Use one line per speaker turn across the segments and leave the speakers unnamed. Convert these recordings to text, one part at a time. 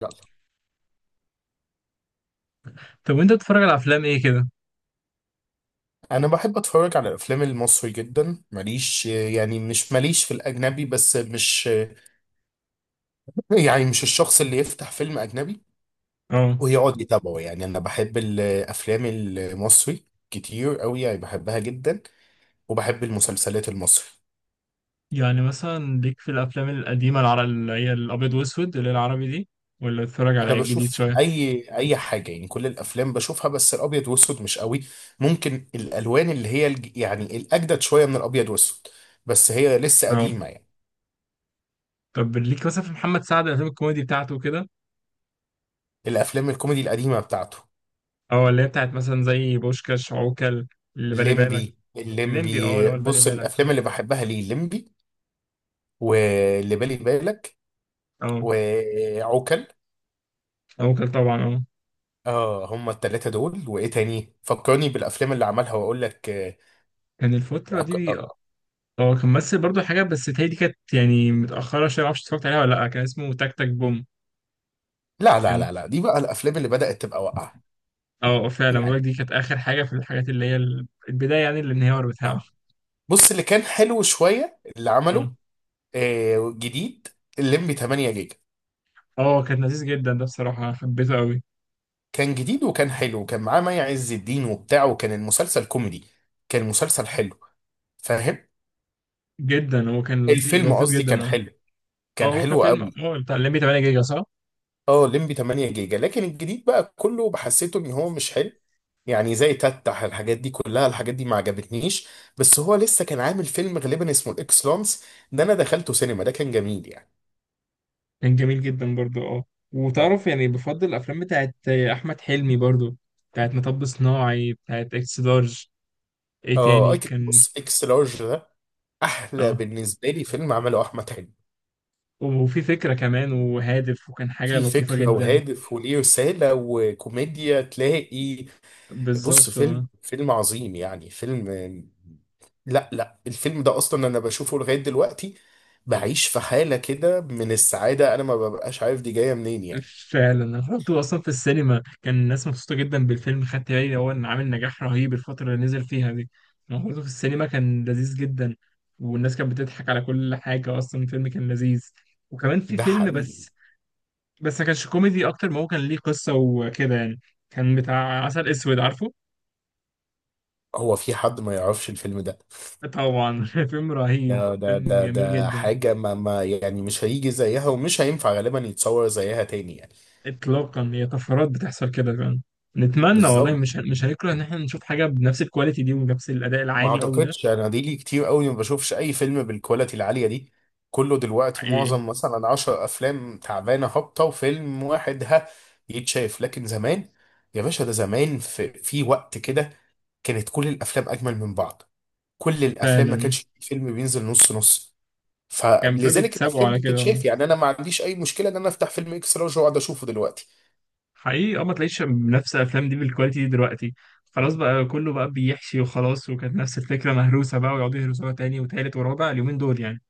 لا،
طب وانت بتتفرج على افلام ايه كده؟
انا بحب اتفرج على الافلام المصري جدا. ماليش يعني مش ماليش في الاجنبي، بس مش يعني مش الشخص اللي يفتح فيلم اجنبي
اه
ويقعد يتابعه. يعني انا بحب الافلام المصري كتير قوي، يعني بحبها جدا. وبحب المسلسلات المصري.
يعني مثلا ليك في الافلام القديمه اللي هي الابيض واسود اللي هي العربي دي، ولا بتتفرج
انا
على الجديد
بشوف
شويه؟
اي حاجه، يعني كل الافلام بشوفها، بس الابيض واسود مش قوي. ممكن الالوان اللي هي يعني الاجدد شويه من الابيض واسود، بس هي لسه قديمه
اه
يعني.
طب ليك مثلا في محمد سعد الافلام الكوميدي بتاعته كده؟
الافلام الكوميدي القديمه بتاعته.
اه اللي هي بتاعت مثلا زي بوشكاش، عوكل، اللي بالي بالك.
الليمبي
الليمبي، اللي
الليمبي
هو اللي بالي
بص،
بالك.
الافلام اللي بحبها ليه الليمبي، واللي بالي بالك،
اه
وعوكل.
عوكل طبعا. اه
اه، هما التلاتة دول، وايه تاني فكرني بالافلام اللي عملها واقول لك.
كان الفتره
أك-
دي،
آه،
كان ممثل برضو حاجه، بس هي دي كانت يعني متاخره شويه، معرفش اتفرجت عليها ولا لا. كان اسمه تك تك بوم.
لا لا
كان،
لا لا، دي بقى الافلام اللي بدأت تبقى واقعة.
اه فعلا مبارك
يعني
دي كانت اخر حاجه في الحاجات اللي هي البدايه يعني الانهيار بتاعه.
اه، بص اللي كان حلو شوية اللي
اه
عمله جديد، الليمبي 8 جيجا.
كان لذيذ جدا ده بصراحه، حبيته قوي
كان جديد وكان حلو، وكان معاه مي عز الدين وبتاع، وكان المسلسل كوميدي، كان مسلسل حلو، فاهم.
جدا. هو كان لطيف،
الفيلم
لطيف
قصدي
جدا.
كان
اه
حلو،
اه
كان
هو كان
حلو
فيلم
قوي.
بتاع الليمبي 8 جيجا، صح؟
اه، لمبي 8 جيجا، لكن الجديد بقى كله بحسيته ان هو مش حلو. يعني زي تتح، الحاجات دي كلها الحاجات دي ما عجبتنيش. بس هو لسه كان عامل فيلم غالبا اسمه الاكس لانس، ده انا دخلته سينما، ده كان جميل يعني.
كان جميل جدا برضو. اه
اه
وتعرف يعني، بفضل الافلام بتاعت احمد حلمي برضو، بتاعت مطب صناعي، بتاعت اكس لارج. ايه تاني
اه،
كان؟
بص، اكس لارج ده احلى
اه
بالنسبه لي فيلم عمله احمد حلمي.
وفي فكره كمان وهادف، وكان حاجه
في
لطيفه
فكره
جدا.
وهادف وليه رساله وكوميديا تلاقي. بص،
بالظبط.
فيلم فيلم عظيم يعني فيلم. لا لا، الفيلم ده اصلا انا بشوفه لغايه دلوقتي. بعيش في حاله كده من السعاده، انا ما ببقاش عارف دي جايه منين يعني.
فعلا انا حضرته اصلا في السينما، كان الناس مبسوطه جدا بالفيلم، خدت بالي هو ان عامل نجاح رهيب الفتره اللي نزل فيها دي. انا حضرته في السينما، كان لذيذ جدا، والناس كانت بتضحك على كل حاجه، اصلا الفيلم كان لذيذ. وكمان في
ده
فيلم
حقيقي.
بس، بس ما كانش كوميدي اكتر، ما هو كان ليه قصه وكده يعني. كان بتاع عسل اسود، عارفه؟
هو في حد ما يعرفش الفيلم ده؟
طبعا. فيلم رهيب،
ده ده
فيلم
ده,
جميل
ده
جدا.
حاجه ما يعني، مش هيجي زيها، ومش هينفع غالبا يتصور زيها تاني يعني.
اطلاقا، هي طفرات بتحصل كده فعلا. نتمنى والله،
بالظبط.
مش هنكره ان احنا نشوف حاجه بنفس الكواليتي دي ونفس الاداء
ما
العالي قوي ده.
اعتقدش انا دي لي كتير قوي ما بشوفش اي فيلم بالكواليتي العاليه دي. كله دلوقتي
حقيقي،
معظم مثلا 10 افلام تعبانه هابطه، وفيلم واحد ها يتشاف. لكن زمان، يا باشا، ده زمان في وقت كده كانت كل الافلام اجمل من بعض. كل الافلام، ما
فعلا.
كانش في فيلم بينزل نص نص.
كان
فلذلك
فبيتسابقوا
الافلام دي
على كده.
بتتشاف. يعني انا ما عنديش اي مشكله ان انا افتح فيلم اكس لارج واقعد اشوفه دلوقتي.
حقيقي، ما تلاقيش منافسه الافلام دي بالكواليتي دي دلوقتي. خلاص بقى كله بقى بيحشي وخلاص، وكانت نفس الفكره مهروسه بقى، ويقعدوا يهرسوها تاني وتالت ورابع اليومين دول يعني.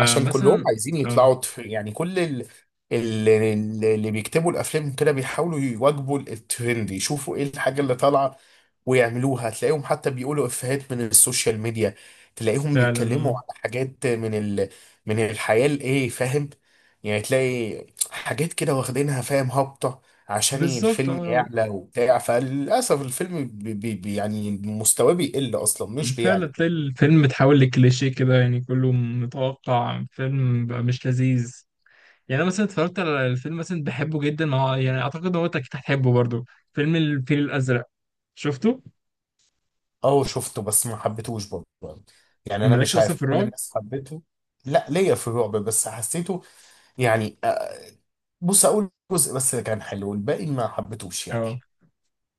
عشان كلهم عايزين
اه
يطلعوا يعني كل اللي بيكتبوا الافلام كده بيحاولوا يواجبوا الترند، يشوفوا ايه الحاجه اللي طالعه ويعملوها. تلاقيهم حتى بيقولوا افيهات من السوشيال ميديا، تلاقيهم
فعلا. اه
بيتكلموا على حاجات من من الحياه الايه فاهم. يعني تلاقي حاجات كده واخدينها فاهم هابطه عشان
بالظبط.
الفيلم
اه
يعلى وبتاع، فللاسف الفيلم يعني مستواه بيقل اصلا مش
فعلا،
بيعلى.
تلاقي الفيلم اتحول لكليشيه كده، يعني كله متوقع، فيلم بقى مش لذيذ. يعني انا مثلا اتفرجت على الفيلم مثلا، بحبه جدا، ما هو يعني اعتقد ان هو انت اكيد هتحبه برضه. فيلم الفيل الازرق، شفته؟
اه شفته، بس ما حبيتهوش برضه. يعني انا
مالكش
مش
اصلا في
عارف، كل
الرعب؟
الناس حبته. لا، ليا في الرعب، بس حسيته يعني، بص، اقول جزء بس اللي كان حلو، الباقي ما حبيتهوش يعني.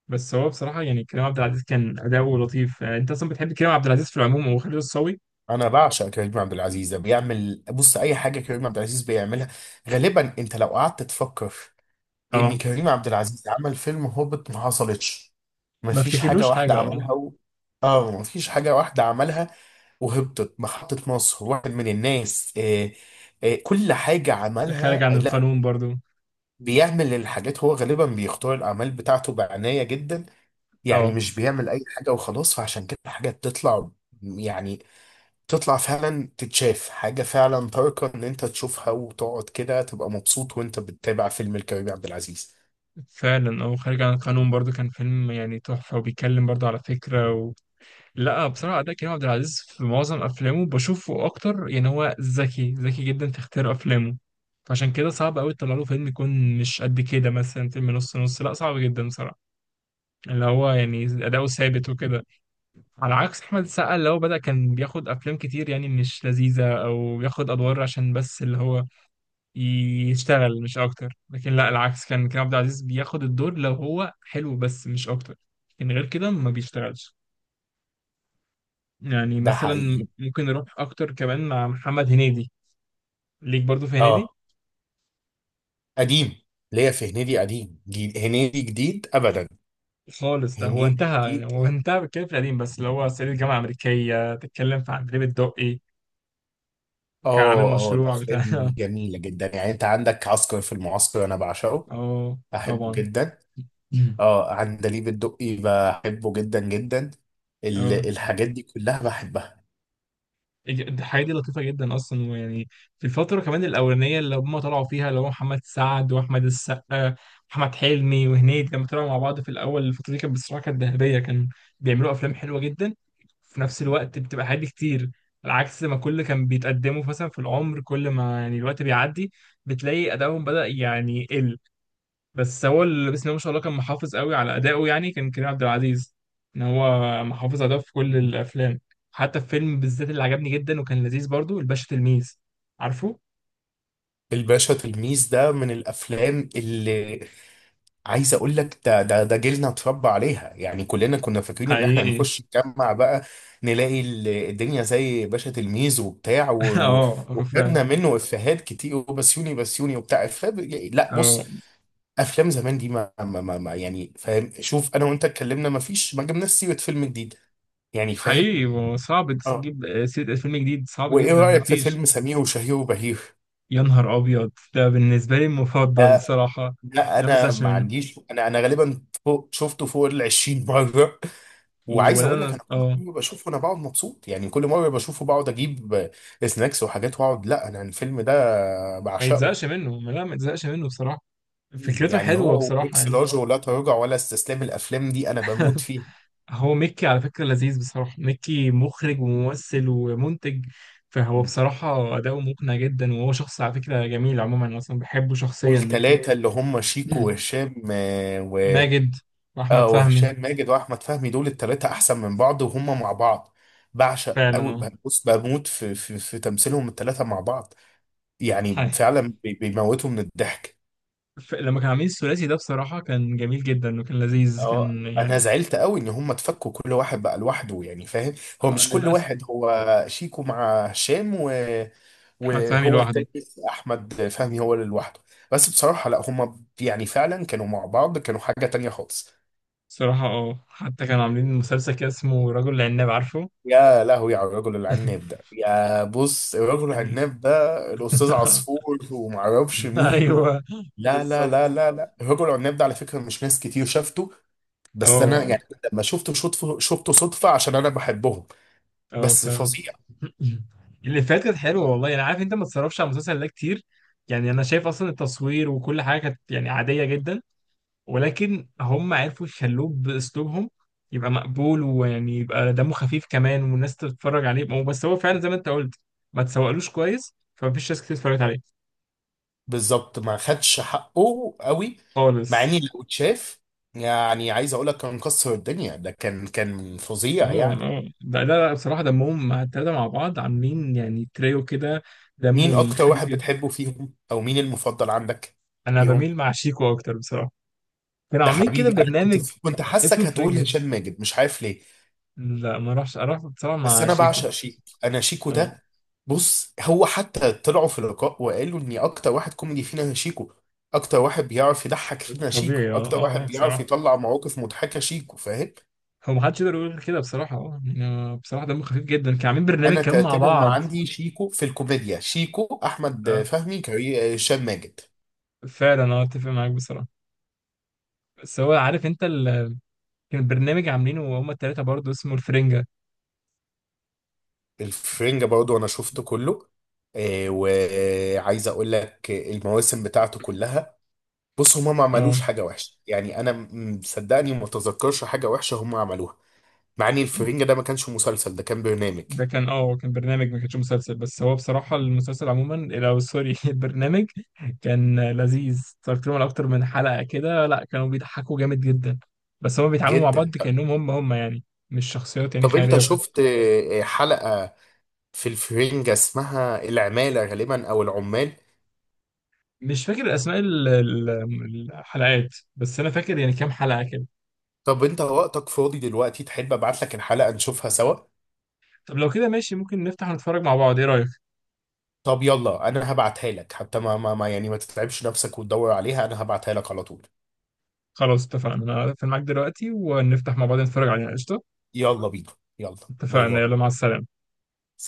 بس هو بصراحة يعني كريم عبد العزيز كان أداؤه لطيف. أنت أصلا بتحب كريم عبد العزيز في العموم أو خالد الصاوي؟
انا بعشق كريم عبد العزيز، ده بيعمل، بص، اي حاجه كريم عبد العزيز بيعملها، غالبا انت لو قعدت تفكر ان
أه.
كريم عبد العزيز عمل فيلم هوبت ما حصلتش،
ما
مفيش حاجه
افتكرلوش
واحده
حاجة. أه،
عملها هو. اه، مفيش حاجه واحده عملها وهبطت. محطة مصر، واحد من الناس، كل حاجة
خارج
عملها.
عن
لا،
القانون برضو.
بيعمل الحاجات هو غالبا، بيختار الأعمال بتاعته بعناية جدا. يعني
أه
مش بيعمل أي حاجة وخلاص، فعشان كده الحاجة تطلع، يعني تطلع فعلا، تتشاف حاجة فعلا تاركة إن أنت تشوفها وتقعد كده تبقى مبسوط وأنت بتتابع فيلم الكريم عبد العزيز.
فعلا. أه، خارج عن القانون برضو كان فيلم يعني تحفة، وبيتكلم برضو على فكرة و... لا بصراحة أداء كريم عبد العزيز في معظم أفلامه بشوفه أكتر، يعني هو ذكي، ذكي جدا في اختيار أفلامه. فعشان كده صعب أوي تطلع له فيلم يكون مش قد كده، مثلا فيلم نص نص، لا صعب جدا بصراحة. اللي هو يعني أداؤه ثابت وكده. على عكس احمد السقا اللي هو بدأ كان بياخد افلام كتير يعني مش لذيذة، او بياخد ادوار عشان بس اللي هو يشتغل مش اكتر. لكن لا، العكس كان كريم عبد العزيز بياخد الدور لو هو حلو، بس مش اكتر. لكن غير كده ما بيشتغلش. يعني
ده
مثلا
حقيقي.
ممكن نروح اكتر كمان مع محمد هنيدي. ليك برضو في هنيدي؟
اه، قديم. ليا في هنيدي قديم، هنيدي جديد أبدا.
خالص، ده هو
هنيدي
انتهى يعني.
جديد.
هو انتهى، بيتكلم في القديم بس، اللي هو صعيدي في الجامعة الأمريكية، تتكلم في عندليب الدقي، وكان عامل
اه اه،
مشروع
الافلام
بتاع
دي جميله جدا. يعني انت عندك عسكر في المعسكر، انا بعشقه،
اه
بحبه
طبعا.
جدا. اه، عندليب الدقي بحبه جدا جدا. ال
اه
الحاجات دي كلها بحبها.
الحياة دي لطيفة جدا أصلا، ويعني في الفترة كمان الأولانية اللي هم طلعوا فيها اللي هو محمد سعد وأحمد السقا وأحمد حلمي وهنيدي، لما طلعوا مع بعض في الأول الفترة دي كانت بصراحة كانت ذهبية. كان بيعملوا أفلام حلوة جدا، في نفس الوقت بتبقى حاجات كتير. على عكس ما كل كان بيتقدموا مثلا في العمر، كل ما يعني الوقت بيعدي، بتلاقي أدائهم بدأ يعني يقل. بس هو اللي بسم الله ما شاء الله كان محافظ قوي على أدائه يعني، كان كريم عبد العزيز إن هو محافظ على ده في كل الأفلام. حتى في فيلم بالذات اللي عجبني جدا وكان لذيذ برضو، الباشا تلميذ، عارفه؟
الباشا تلميذ ده من الافلام اللي عايز اقول لك ده ده ده جيلنا اتربى عليها. يعني كلنا كنا فاكرين ان احنا
حقيقي.
هنخش نجمع بقى، نلاقي الدنيا زي باشا تلميذ وبتاع
اه فعلا
وخدنا منه افيهات كتير، وبسيوني بسيوني وبتاع إفيه لا،
اه
بص، افلام زمان دي ما يعني فاهم، شوف انا وانت اتكلمنا، ما فيش ما جبناش سيره فيلم جديد، يعني فاهم.
حقيقي، هو صعب
اه.
تجيب سيرة فيلم جديد، صعب
وايه
جدا،
رايك في
مفيش.
فيلم سمير وشهير وبهير؟
يا نهار أبيض، ده بالنسبة لي المفضل
آه
الصراحة.
لا،
لا ما
انا
بزهقش
ما
منه.
عنديش، انا انا غالبا فوق شفته فوق ال 20 مره. وعايز
ولا
اقول لك
أنا.
انا كل
اه
مره بشوفه انا بقعد مبسوط، يعني كل مره بشوفه بقعد اجيب سناكس وحاجات واقعد، لا، انا الفيلم ده
ما
بعشقه.
يتزهقش منه، لا ما يتزهقش منه بصراحة. فكرته
يعني
حلوة
هو
بصراحة
واكس
يعني.
لارج ولا تراجع ولا استسلام، الافلام دي انا بموت فيه.
هو ميكي على فكرة لذيذ بصراحة. ميكي مخرج وممثل ومنتج، فهو بصراحة أداؤه مقنع جدا، وهو شخص على فكرة جميل عموما، أنا أصلا بحبه شخصيا ميكي.
والتلاتة اللي هم شيكو وهشام آه، و
ماجد
اه
وأحمد فهمي.
وهشام ماجد واحمد فهمي، دول التلاتة احسن من بعض، وهم مع بعض بعشق
فعلا.
قوي.
اه
بص بموت في تمثيلهم التلاتة مع بعض،
حي.
يعني فعلا بيموتوا من الضحك.
لما كانوا عاملين الثلاثي ده بصراحة كان جميل جدا وكان لذيذ
اه،
كان
انا
يعني،
زعلت قوي ان هم اتفكوا كل واحد بقى لوحده، يعني فاهم. هو
آه
مش كل
للأسف.
واحد، هو شيكو مع هشام
أحمد فهمي
وهو التاني،
لوحده.
احمد فهمي هو اللي لوحده. بس بصراحة لا، هم يعني فعلا كانوا مع بعض كانوا حاجة تانية خالص.
بصراحة حتى كانوا عاملين مسلسل كده اسمه رجل العناب، عارفه؟
يا لهوي على الرجل العناب ده. يا بص، الرجل
ال-
العناب ده الأستاذ عصفور، ومعرفش مين
ايوه.
لا لا لا
بالظبط.
لا لا، الرجل العناب ده على فكرة مش ناس كتير شافته. بس أنا
اه
يعني لما شفته صدفة عشان أنا بحبهم.
اه
بس
فعلا.
فظيع.
اللي فات كانت حلوه والله، انا عارف انت ما تصرفش على المسلسل ده كتير، يعني انا شايف اصلا التصوير وكل حاجه كانت يعني عاديه جدا، ولكن هم عرفوا يخلوه باسلوبهم، يبقى مقبول، ويعني يبقى دمه خفيف كمان والناس تتفرج عليه. هو بس هو فعلا زي ما انت قلت، ما تسوقلوش كويس فمفيش ناس كتير اتفرجت عليه.
بالظبط، ما خدش حقه قوي، مع
خالص.
إني لو اتشاف، يعني عايز أقول لك كان كسر الدنيا، ده كان فظيع يعني.
اه لا لا لا، بصراحه دمهم مع التلاته مع بعض عاملين يعني تريو كده، دمه
مين أكتر
الخفيف
واحد
جدا.
بتحبه فيهم، أو مين المفضل عندك
انا
فيهم؟
بميل مع شيكو اكتر بصراحه. كانوا
ده
عاملين كده
حبيبي، انا كنت
برنامج
كنت
اسمه
حاسك هتقول
الفرنجة.
هشام ماجد، مش عارف ليه.
لا ما اروحش، اروح بصراحة
بس
مع
انا
شيكو.
بعشق شيكو، انا شيكو
آه،
ده، بص، هو حتى طلعوا في لقاء وقالوا اني اكتر واحد كوميدي فينا شيكو، اكتر واحد بيعرف يضحك فينا شيكو،
طبيعي.
اكتر واحد بيعرف
بصراحة
يطلع مواقف مضحكة شيكو، فاهم.
هو محدش يقدر يقول غير كده بصراحة. اه يعني بصراحة دمه خفيف جدا. كانوا عاملين برنامج
انا
كمان مع
ترتيبهم
بعض.
عندي شيكو في الكوميديا، شيكو، احمد
اه
فهمي، كريم، هشام ماجد.
فعلا اتفق معاك بصراحة. بس هو عارف انت ال... كان برنامج عاملينه هما التلاتة برضه اسمه الفرنجة.
الفرنجة برضو انا شفته كله. وعايز اقول لك المواسم بتاعته كلها، بص هما ما
اه
عملوش حاجة وحشة. يعني أنا صدقني ما تذكرش حاجة وحشة هما عملوها. مع إن الفرنجة ده ما كانش مسلسل، ده كان برنامج.
ده كان كان برنامج ما كانش مسلسل، بس هو بصراحة المسلسل عموما او سوري البرنامج كان لذيذ، اتفرجت لهم على اكتر من حلقة كده. لا كانوا بيضحكوا جامد جدا، بس هما بيتعاملوا مع
جدا.
بعض كأنهم هم هم يعني، مش شخصيات يعني
طب، أنت
خيالية وكده.
شفت حلقة في الفرنجة اسمها العمالة، غالبا أو العمال؟
مش فاكر اسماء الحلقات، بس انا فاكر يعني كام حلقة كده.
طب، أنت وقتك فاضي دلوقتي، تحب أبعت لك الحلقة نشوفها سوا؟
طب لو كده ماشي، ممكن نفتح ونتفرج مع بعض، ايه رأيك؟
طب يلا، أنا هبعتها لك حتى يعني ما تتعبش نفسك وتدور عليها، أنا هبعتها لك على طول.
خلاص اتفقنا، انا هقفل معاك دلوقتي ونفتح مع بعض نتفرج عليها قشطة.
يلا بينا. يلا. باي
اتفقنا،
باي.
يلا، مع السلامة.